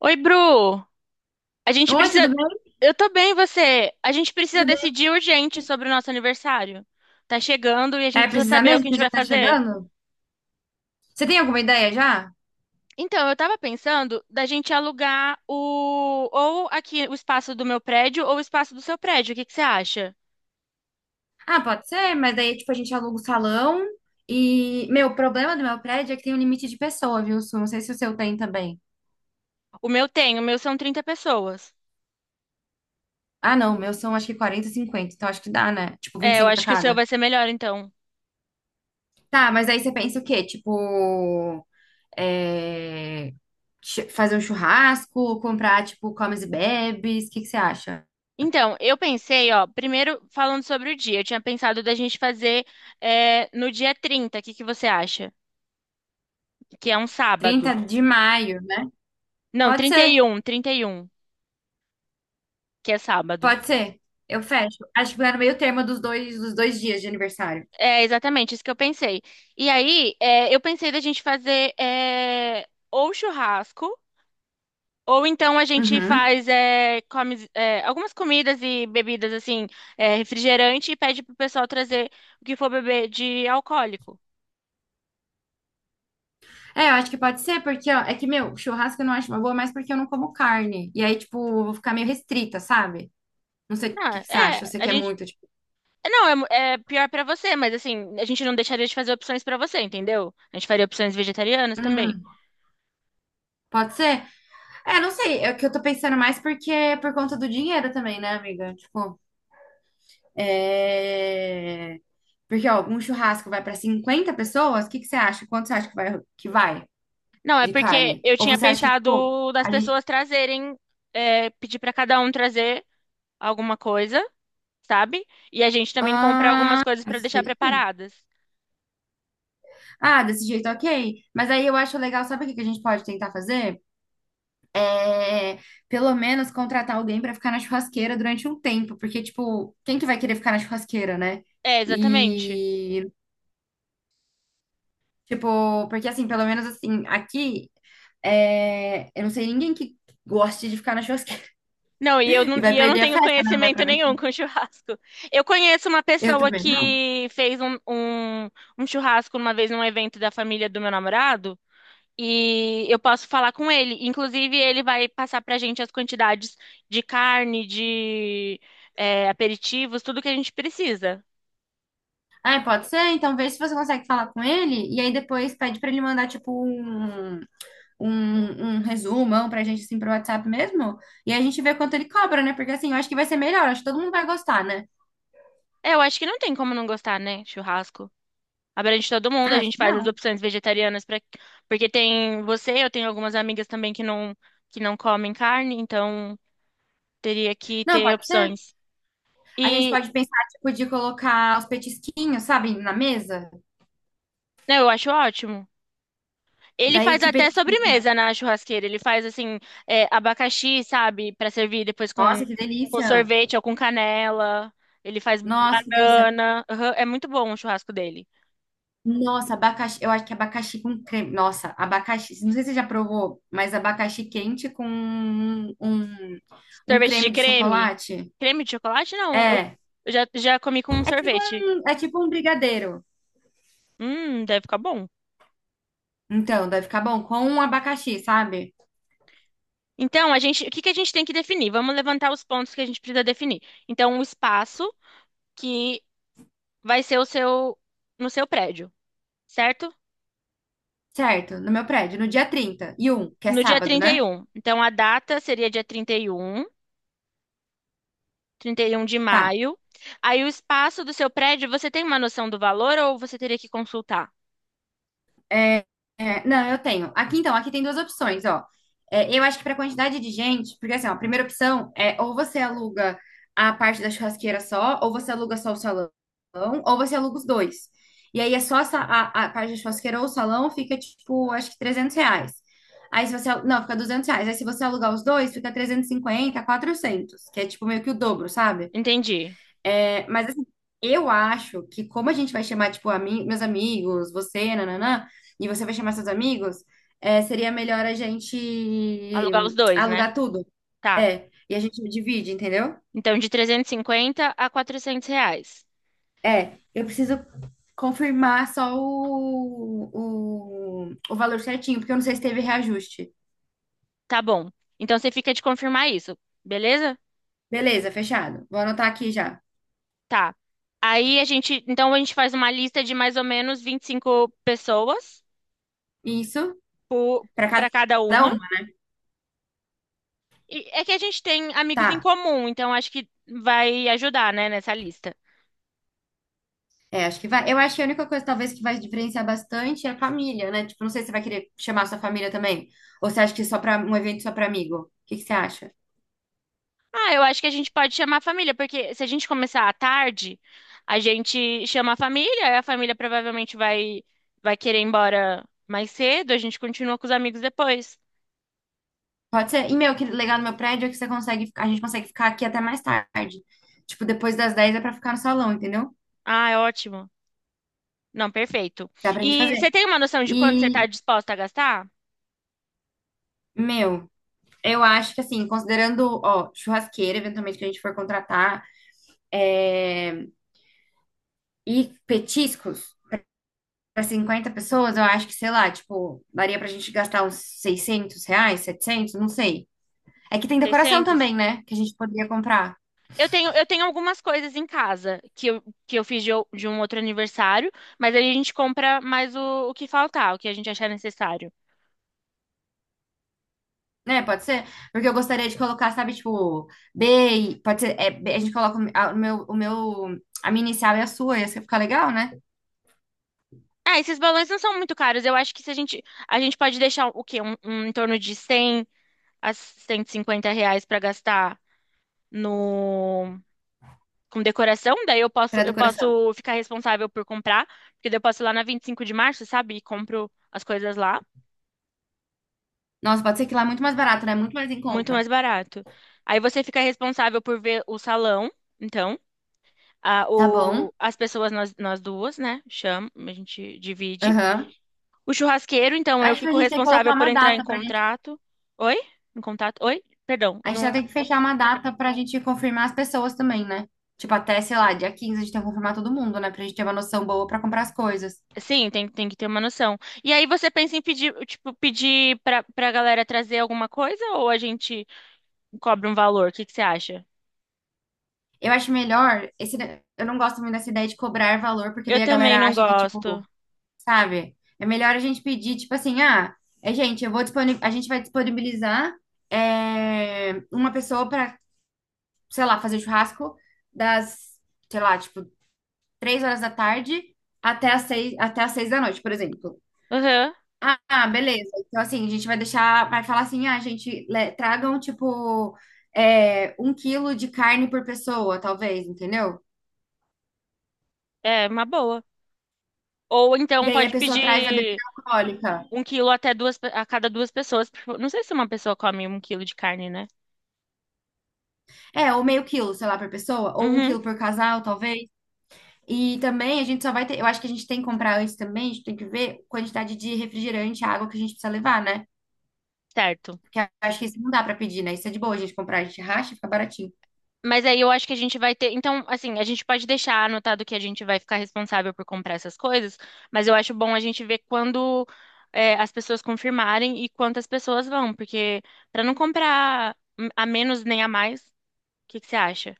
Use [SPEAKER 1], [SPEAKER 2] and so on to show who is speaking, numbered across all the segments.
[SPEAKER 1] Oi, Bru. A gente
[SPEAKER 2] Oi,
[SPEAKER 1] precisa.
[SPEAKER 2] tudo bem?
[SPEAKER 1] Eu tô bem, e você? A gente precisa
[SPEAKER 2] Tudo bem?
[SPEAKER 1] decidir urgente sobre o nosso aniversário. Tá chegando e a gente
[SPEAKER 2] É,
[SPEAKER 1] precisa
[SPEAKER 2] precisa
[SPEAKER 1] saber o que
[SPEAKER 2] mesmo?
[SPEAKER 1] a gente
[SPEAKER 2] Porque já
[SPEAKER 1] vai
[SPEAKER 2] tá
[SPEAKER 1] fazer.
[SPEAKER 2] chegando? Você tem alguma ideia já?
[SPEAKER 1] Então, eu tava pensando da gente alugar o ou aqui o espaço do meu prédio ou o espaço do seu prédio. O que que você acha?
[SPEAKER 2] Ah, pode ser, mas daí, tipo, a gente aluga o salão e... Meu, o problema do meu prédio é que tem um limite de pessoa, viu, Su? Não sei se o seu tem também.
[SPEAKER 1] O meu tem, o meu são 30 pessoas.
[SPEAKER 2] Ah, não, o meu são acho que 40, 50. Então acho que dá, né? Tipo, vinte e
[SPEAKER 1] É, eu
[SPEAKER 2] cinco pra
[SPEAKER 1] acho que o seu
[SPEAKER 2] cada.
[SPEAKER 1] vai ser melhor, então.
[SPEAKER 2] Tá, mas aí você pensa o quê? Tipo, é... fazer um churrasco, comprar, tipo, comes e bebes, o que que você acha?
[SPEAKER 1] Então, eu pensei, ó, primeiro falando sobre o dia, eu tinha pensado da gente fazer no dia 30. O que que você acha? Que é um
[SPEAKER 2] 30
[SPEAKER 1] sábado.
[SPEAKER 2] de maio, né?
[SPEAKER 1] Não,
[SPEAKER 2] Pode ser.
[SPEAKER 1] trinta e um, que é sábado.
[SPEAKER 2] Pode ser. Eu fecho. Acho que vai no meio termo dos dois dias de aniversário.
[SPEAKER 1] É exatamente isso que eu pensei. E aí, eu pensei da gente fazer ou churrasco, ou então a gente
[SPEAKER 2] Uhum.
[SPEAKER 1] faz algumas comidas e bebidas, assim, refrigerante, e pede pro pessoal trazer o que for beber de alcoólico.
[SPEAKER 2] É, eu acho que pode ser, porque, ó, é que, meu, churrasco eu não acho uma boa, mas porque eu não como carne. E aí, tipo, eu vou ficar meio restrita, sabe? Não sei o
[SPEAKER 1] Não,
[SPEAKER 2] que que você
[SPEAKER 1] é,
[SPEAKER 2] acha, você
[SPEAKER 1] a
[SPEAKER 2] quer
[SPEAKER 1] gente.
[SPEAKER 2] muito, tipo,
[SPEAKER 1] Não, é pior pra você, mas assim, a gente não deixaria de fazer opções pra você, entendeu? A gente faria opções vegetarianas também.
[SPEAKER 2] hum, pode ser? É, não sei, é que eu tô pensando mais porque é por conta do dinheiro também, né, amiga? Tipo, é... Porque, ó, um churrasco vai pra 50 pessoas, o que que você acha? Quanto você acha que vai
[SPEAKER 1] Não, é
[SPEAKER 2] de
[SPEAKER 1] porque
[SPEAKER 2] carne?
[SPEAKER 1] eu
[SPEAKER 2] Ou
[SPEAKER 1] tinha
[SPEAKER 2] você acha que, tipo,
[SPEAKER 1] pensado das
[SPEAKER 2] a gente...
[SPEAKER 1] pessoas trazerem, pedir pra cada um trazer alguma coisa, sabe? E a gente também comprar
[SPEAKER 2] ah,
[SPEAKER 1] algumas coisas pra
[SPEAKER 2] Desse
[SPEAKER 1] deixar
[SPEAKER 2] jeito, é ok.
[SPEAKER 1] preparadas.
[SPEAKER 2] Ah, desse jeito, é ok. Mas aí eu acho legal, sabe o que que a gente pode tentar fazer? É, pelo menos contratar alguém pra ficar na churrasqueira durante um tempo, porque, tipo, quem que vai querer ficar na churrasqueira, né?
[SPEAKER 1] É, exatamente.
[SPEAKER 2] E, tipo, porque assim, pelo menos assim, aqui, é, eu não sei ninguém que goste de ficar na churrasqueira
[SPEAKER 1] Não, e eu
[SPEAKER 2] e
[SPEAKER 1] não,
[SPEAKER 2] vai
[SPEAKER 1] e eu não
[SPEAKER 2] perder a
[SPEAKER 1] tenho
[SPEAKER 2] festa, né? Não vai
[SPEAKER 1] conhecimento nenhum
[SPEAKER 2] aproveitar.
[SPEAKER 1] com churrasco. Eu conheço uma
[SPEAKER 2] Eu
[SPEAKER 1] pessoa
[SPEAKER 2] também não.
[SPEAKER 1] que fez um churrasco uma vez num evento da família do meu namorado. E eu posso falar com ele. Inclusive, ele vai passar pra gente as quantidades de carne, de aperitivos, tudo que a gente precisa.
[SPEAKER 2] Ah, pode ser? Então vê se você consegue falar com ele e aí depois pede pra ele mandar, tipo, Um resumão pra gente, assim, pro WhatsApp mesmo. E a gente vê quanto ele cobra, né? Porque, assim, eu acho que vai ser melhor. Acho que todo mundo vai gostar, né?
[SPEAKER 1] É, eu acho que não tem como não gostar, né? Churrasco. Abrange todo mundo, a
[SPEAKER 2] Ah, acho
[SPEAKER 1] gente
[SPEAKER 2] que
[SPEAKER 1] faz as
[SPEAKER 2] não.
[SPEAKER 1] opções vegetarianas para porque tem você, eu tenho algumas amigas também que não comem carne, então teria que
[SPEAKER 2] Não,
[SPEAKER 1] ter
[SPEAKER 2] pode ser.
[SPEAKER 1] opções.
[SPEAKER 2] A gente
[SPEAKER 1] E
[SPEAKER 2] pode pensar, tipo, de colocar os petisquinhos, sabe, na mesa.
[SPEAKER 1] não, eu acho ótimo. Ele
[SPEAKER 2] Daí o
[SPEAKER 1] faz
[SPEAKER 2] que
[SPEAKER 1] até
[SPEAKER 2] petisquinho? Tá?
[SPEAKER 1] sobremesa na churrasqueira. Ele faz assim, abacaxi, sabe, pra servir depois
[SPEAKER 2] Nossa, que
[SPEAKER 1] com
[SPEAKER 2] delícia!
[SPEAKER 1] sorvete ou com canela. Ele faz
[SPEAKER 2] Nossa, que delícia!
[SPEAKER 1] banana. Aham, é muito bom o churrasco dele.
[SPEAKER 2] Nossa, abacaxi. Eu acho que abacaxi com creme. Nossa, abacaxi. Não sei se você já provou, mas abacaxi quente com um, um
[SPEAKER 1] Sorvete de
[SPEAKER 2] creme de
[SPEAKER 1] creme?
[SPEAKER 2] chocolate.
[SPEAKER 1] Creme de chocolate? Não, eu
[SPEAKER 2] É.
[SPEAKER 1] já comi com um
[SPEAKER 2] É tipo
[SPEAKER 1] sorvete.
[SPEAKER 2] um, é tipo um brigadeiro.
[SPEAKER 1] Deve ficar bom.
[SPEAKER 2] Então, deve ficar bom com um abacaxi, sabe?
[SPEAKER 1] Então, a gente, o que que a gente tem que definir? Vamos levantar os pontos que a gente precisa definir. Então, o espaço que vai ser o seu no seu prédio, certo?
[SPEAKER 2] Certo, no meu prédio, no dia 31, que é
[SPEAKER 1] No dia
[SPEAKER 2] sábado,
[SPEAKER 1] trinta e
[SPEAKER 2] né?
[SPEAKER 1] um. Então, a data seria dia trinta e um de
[SPEAKER 2] Tá.
[SPEAKER 1] maio. Aí, o espaço do seu prédio, você tem uma noção do valor ou você teria que consultar?
[SPEAKER 2] É, não, eu tenho. Aqui então, aqui tem duas opções, ó. É, eu acho que para quantidade de gente, porque assim, ó, a primeira opção é ou você aluga a parte da churrasqueira só, ou você aluga só o salão, ou você aluga os dois. E aí é só a parte da churrasqueira ou o salão fica tipo, acho que R$ 300. Aí se você, não, fica R$ 200. Aí se você alugar os dois, fica 350, 400, que é tipo meio que o dobro, sabe?
[SPEAKER 1] Entendi.
[SPEAKER 2] É, mas assim, eu acho que como a gente vai chamar, tipo, meus amigos, você, nananã, e você vai chamar seus amigos, é, seria melhor a gente
[SPEAKER 1] Alugar os dois, né?
[SPEAKER 2] alugar tudo.
[SPEAKER 1] Tá.
[SPEAKER 2] É, e a gente divide, entendeu?
[SPEAKER 1] Então, de 350 a 400 reais.
[SPEAKER 2] É, eu preciso confirmar só o valor certinho, porque eu não sei se teve reajuste.
[SPEAKER 1] Tá bom. Então, você fica de confirmar isso, beleza?
[SPEAKER 2] Beleza, fechado. Vou anotar aqui já.
[SPEAKER 1] Tá. Aí, a gente... Então, a gente faz uma lista de mais ou menos 25 pessoas
[SPEAKER 2] Isso, para
[SPEAKER 1] para cada
[SPEAKER 2] cada
[SPEAKER 1] uma.
[SPEAKER 2] uma.
[SPEAKER 1] E é que a gente tem amigos em
[SPEAKER 2] Tá.
[SPEAKER 1] comum, então acho que vai ajudar, né, nessa lista.
[SPEAKER 2] É, acho que vai. Eu acho que a única coisa, talvez, que vai diferenciar bastante é a família, né? Tipo, não sei se você vai querer chamar sua família também. Ou você acha que é só para um evento só para amigo? O que que você acha?
[SPEAKER 1] Ah, eu acho que a gente pode chamar a família, porque se a gente começar à tarde, a gente chama a família provavelmente vai querer ir embora mais cedo, a gente continua com os amigos depois.
[SPEAKER 2] Pode ser. E, meu, que legal no meu prédio é que você consegue, a gente consegue ficar aqui até mais tarde. Tipo, depois das 10 é pra ficar no salão, entendeu?
[SPEAKER 1] Ah, é ótimo. Não, perfeito.
[SPEAKER 2] Dá pra gente
[SPEAKER 1] E
[SPEAKER 2] fazer.
[SPEAKER 1] você tem uma noção de quanto você está
[SPEAKER 2] E,
[SPEAKER 1] disposta a gastar?
[SPEAKER 2] meu, eu acho que assim, considerando, ó, churrasqueira, eventualmente que a gente for contratar, é, e petiscos. Para 50 pessoas, eu acho que, sei lá, tipo, daria pra gente gastar uns R$ 600, 700 não sei. É que tem decoração
[SPEAKER 1] Seiscentos.
[SPEAKER 2] também, né? Que a gente poderia comprar.
[SPEAKER 1] Eu tenho algumas coisas em casa que eu fiz de, o- de um outro aniversário, mas aí a gente compra mais o que faltar, o que a gente achar necessário.
[SPEAKER 2] Né, pode ser? Porque eu gostaria de colocar, sabe, tipo, B, pode ser, é, B, a gente coloca o a minha inicial e a sua, ia ficar legal, né?
[SPEAKER 1] Ah, esses balões não são muito caros. Eu acho que se a gente, a gente pode deixar o quê? Um em torno de 100 a 150 reais para gastar no com decoração. Daí
[SPEAKER 2] Pra
[SPEAKER 1] eu
[SPEAKER 2] decoração.
[SPEAKER 1] posso ficar responsável por comprar, porque daí eu posso ir lá na 25 de março, sabe? E compro as coisas lá,
[SPEAKER 2] Nossa, pode ser que lá é muito mais barato, né? Muito mais em
[SPEAKER 1] muito
[SPEAKER 2] conta.
[SPEAKER 1] mais barato. Aí você fica responsável por ver o salão, então,
[SPEAKER 2] Tá bom.
[SPEAKER 1] as pessoas nós duas, né? Chama, a gente divide.
[SPEAKER 2] Aham.
[SPEAKER 1] O churrasqueiro, então, eu
[SPEAKER 2] Acho que a
[SPEAKER 1] fico
[SPEAKER 2] gente tem que colocar
[SPEAKER 1] responsável por
[SPEAKER 2] uma
[SPEAKER 1] entrar em
[SPEAKER 2] data pra gente.
[SPEAKER 1] contrato. Oi? Em contato? Oi? Perdão,
[SPEAKER 2] A
[SPEAKER 1] eu
[SPEAKER 2] gente
[SPEAKER 1] não...
[SPEAKER 2] vai ter que fechar uma data pra gente confirmar as pessoas também, né? Tipo, até, sei lá, dia 15 a gente tem que confirmar todo mundo, né? Pra gente ter uma noção boa pra comprar as coisas.
[SPEAKER 1] Sim, tem, tem que ter uma noção. E aí você pensa em pedir, tipo, pedir pra galera trazer alguma coisa ou a gente cobra um valor? O que que você acha?
[SPEAKER 2] Eu acho melhor, esse, eu não gosto muito dessa ideia de cobrar valor, porque
[SPEAKER 1] Eu
[SPEAKER 2] daí a
[SPEAKER 1] também
[SPEAKER 2] galera
[SPEAKER 1] não
[SPEAKER 2] acha que,
[SPEAKER 1] gosto.
[SPEAKER 2] tipo, sabe? É melhor a gente pedir, tipo assim, ah, é, gente, eu vou a gente vai disponibilizar é, uma pessoa pra, sei lá, fazer churrasco das, sei lá, tipo, 3 horas da tarde até as seis da noite, por exemplo.
[SPEAKER 1] Aham,
[SPEAKER 2] Ah, ah, beleza. Então, assim, a gente vai deixar, vai falar assim, ah, gente, tragam, tipo, é, 1 quilo de carne por pessoa, talvez, entendeu?
[SPEAKER 1] é uma boa. Ou
[SPEAKER 2] E
[SPEAKER 1] então
[SPEAKER 2] aí a
[SPEAKER 1] pode
[SPEAKER 2] pessoa traz a
[SPEAKER 1] pedir
[SPEAKER 2] bebida alcoólica.
[SPEAKER 1] um quilo até duas, pe- a cada duas pessoas. Porque não sei se uma pessoa come um quilo de carne, né?
[SPEAKER 2] É, ou meio quilo, sei lá, por pessoa, ou um
[SPEAKER 1] Uhum,
[SPEAKER 2] quilo por casal, talvez. E também a gente só vai ter, eu acho que a gente tem que comprar antes também, a gente tem que ver a quantidade de refrigerante, água que a gente precisa levar, né?
[SPEAKER 1] certo.
[SPEAKER 2] Porque eu acho que isso não dá pra pedir, né? Isso é de boa a gente comprar, a gente racha, fica baratinho.
[SPEAKER 1] Mas aí eu acho que a gente vai ter. Então, assim, a gente pode deixar anotado que a gente vai ficar responsável por comprar essas coisas, mas eu acho bom a gente ver quando as pessoas confirmarem e quantas pessoas vão, porque para não comprar a menos nem a mais, o que que você acha?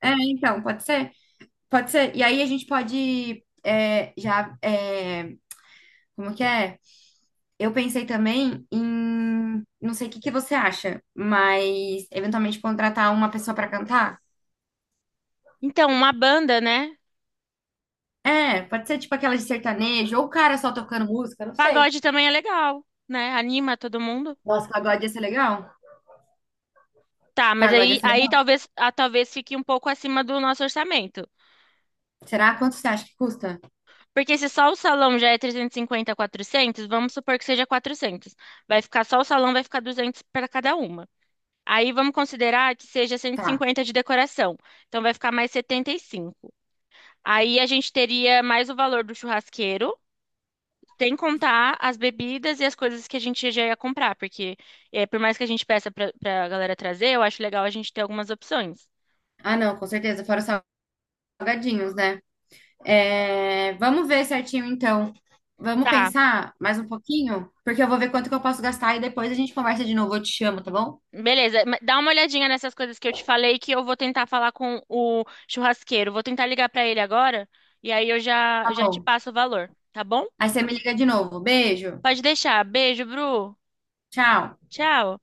[SPEAKER 2] É, então, pode ser? Pode ser. E aí a gente pode é, já. É, como que é? Eu pensei também em, não sei o que que você acha, mas eventualmente contratar uma pessoa pra cantar.
[SPEAKER 1] Então, uma banda, né?
[SPEAKER 2] É, pode ser tipo aquela de sertanejo, ou o cara só tocando música, não sei.
[SPEAKER 1] Pagode também é legal, né? Anima todo mundo.
[SPEAKER 2] Nossa, pagode ia ser legal?
[SPEAKER 1] Tá, mas
[SPEAKER 2] Pagode
[SPEAKER 1] aí,
[SPEAKER 2] ia ser
[SPEAKER 1] aí
[SPEAKER 2] legal.
[SPEAKER 1] talvez, ah, talvez fique um pouco acima do nosso orçamento.
[SPEAKER 2] Será? Quanto você acha que custa?
[SPEAKER 1] Porque se só o salão já é 350, 400, vamos supor que seja 400. Vai ficar só o salão, vai ficar 200 para cada uma. Aí vamos considerar que seja
[SPEAKER 2] Tá.
[SPEAKER 1] 150 de decoração. Então vai ficar mais 75. Aí a gente teria mais o valor do churrasqueiro, sem contar as bebidas e as coisas que a gente já ia comprar, porque é, por mais que a gente peça para a galera trazer, eu acho legal a gente ter algumas opções.
[SPEAKER 2] Ah, não, com certeza, fora os salgadinhos, né? É, vamos ver certinho então. Vamos
[SPEAKER 1] Tá,
[SPEAKER 2] pensar mais um pouquinho, porque eu vou ver quanto que eu posso gastar e depois a gente conversa de novo. Eu te chamo, tá bom?
[SPEAKER 1] beleza, dá uma olhadinha nessas coisas que eu te falei que eu vou tentar falar com o churrasqueiro. Vou tentar ligar pra ele agora e aí eu
[SPEAKER 2] Tá
[SPEAKER 1] já te
[SPEAKER 2] bom.
[SPEAKER 1] passo o valor, tá bom?
[SPEAKER 2] Aí você me liga de novo. Beijo.
[SPEAKER 1] Pode deixar. Beijo, Bru.
[SPEAKER 2] Tchau.
[SPEAKER 1] Tchau.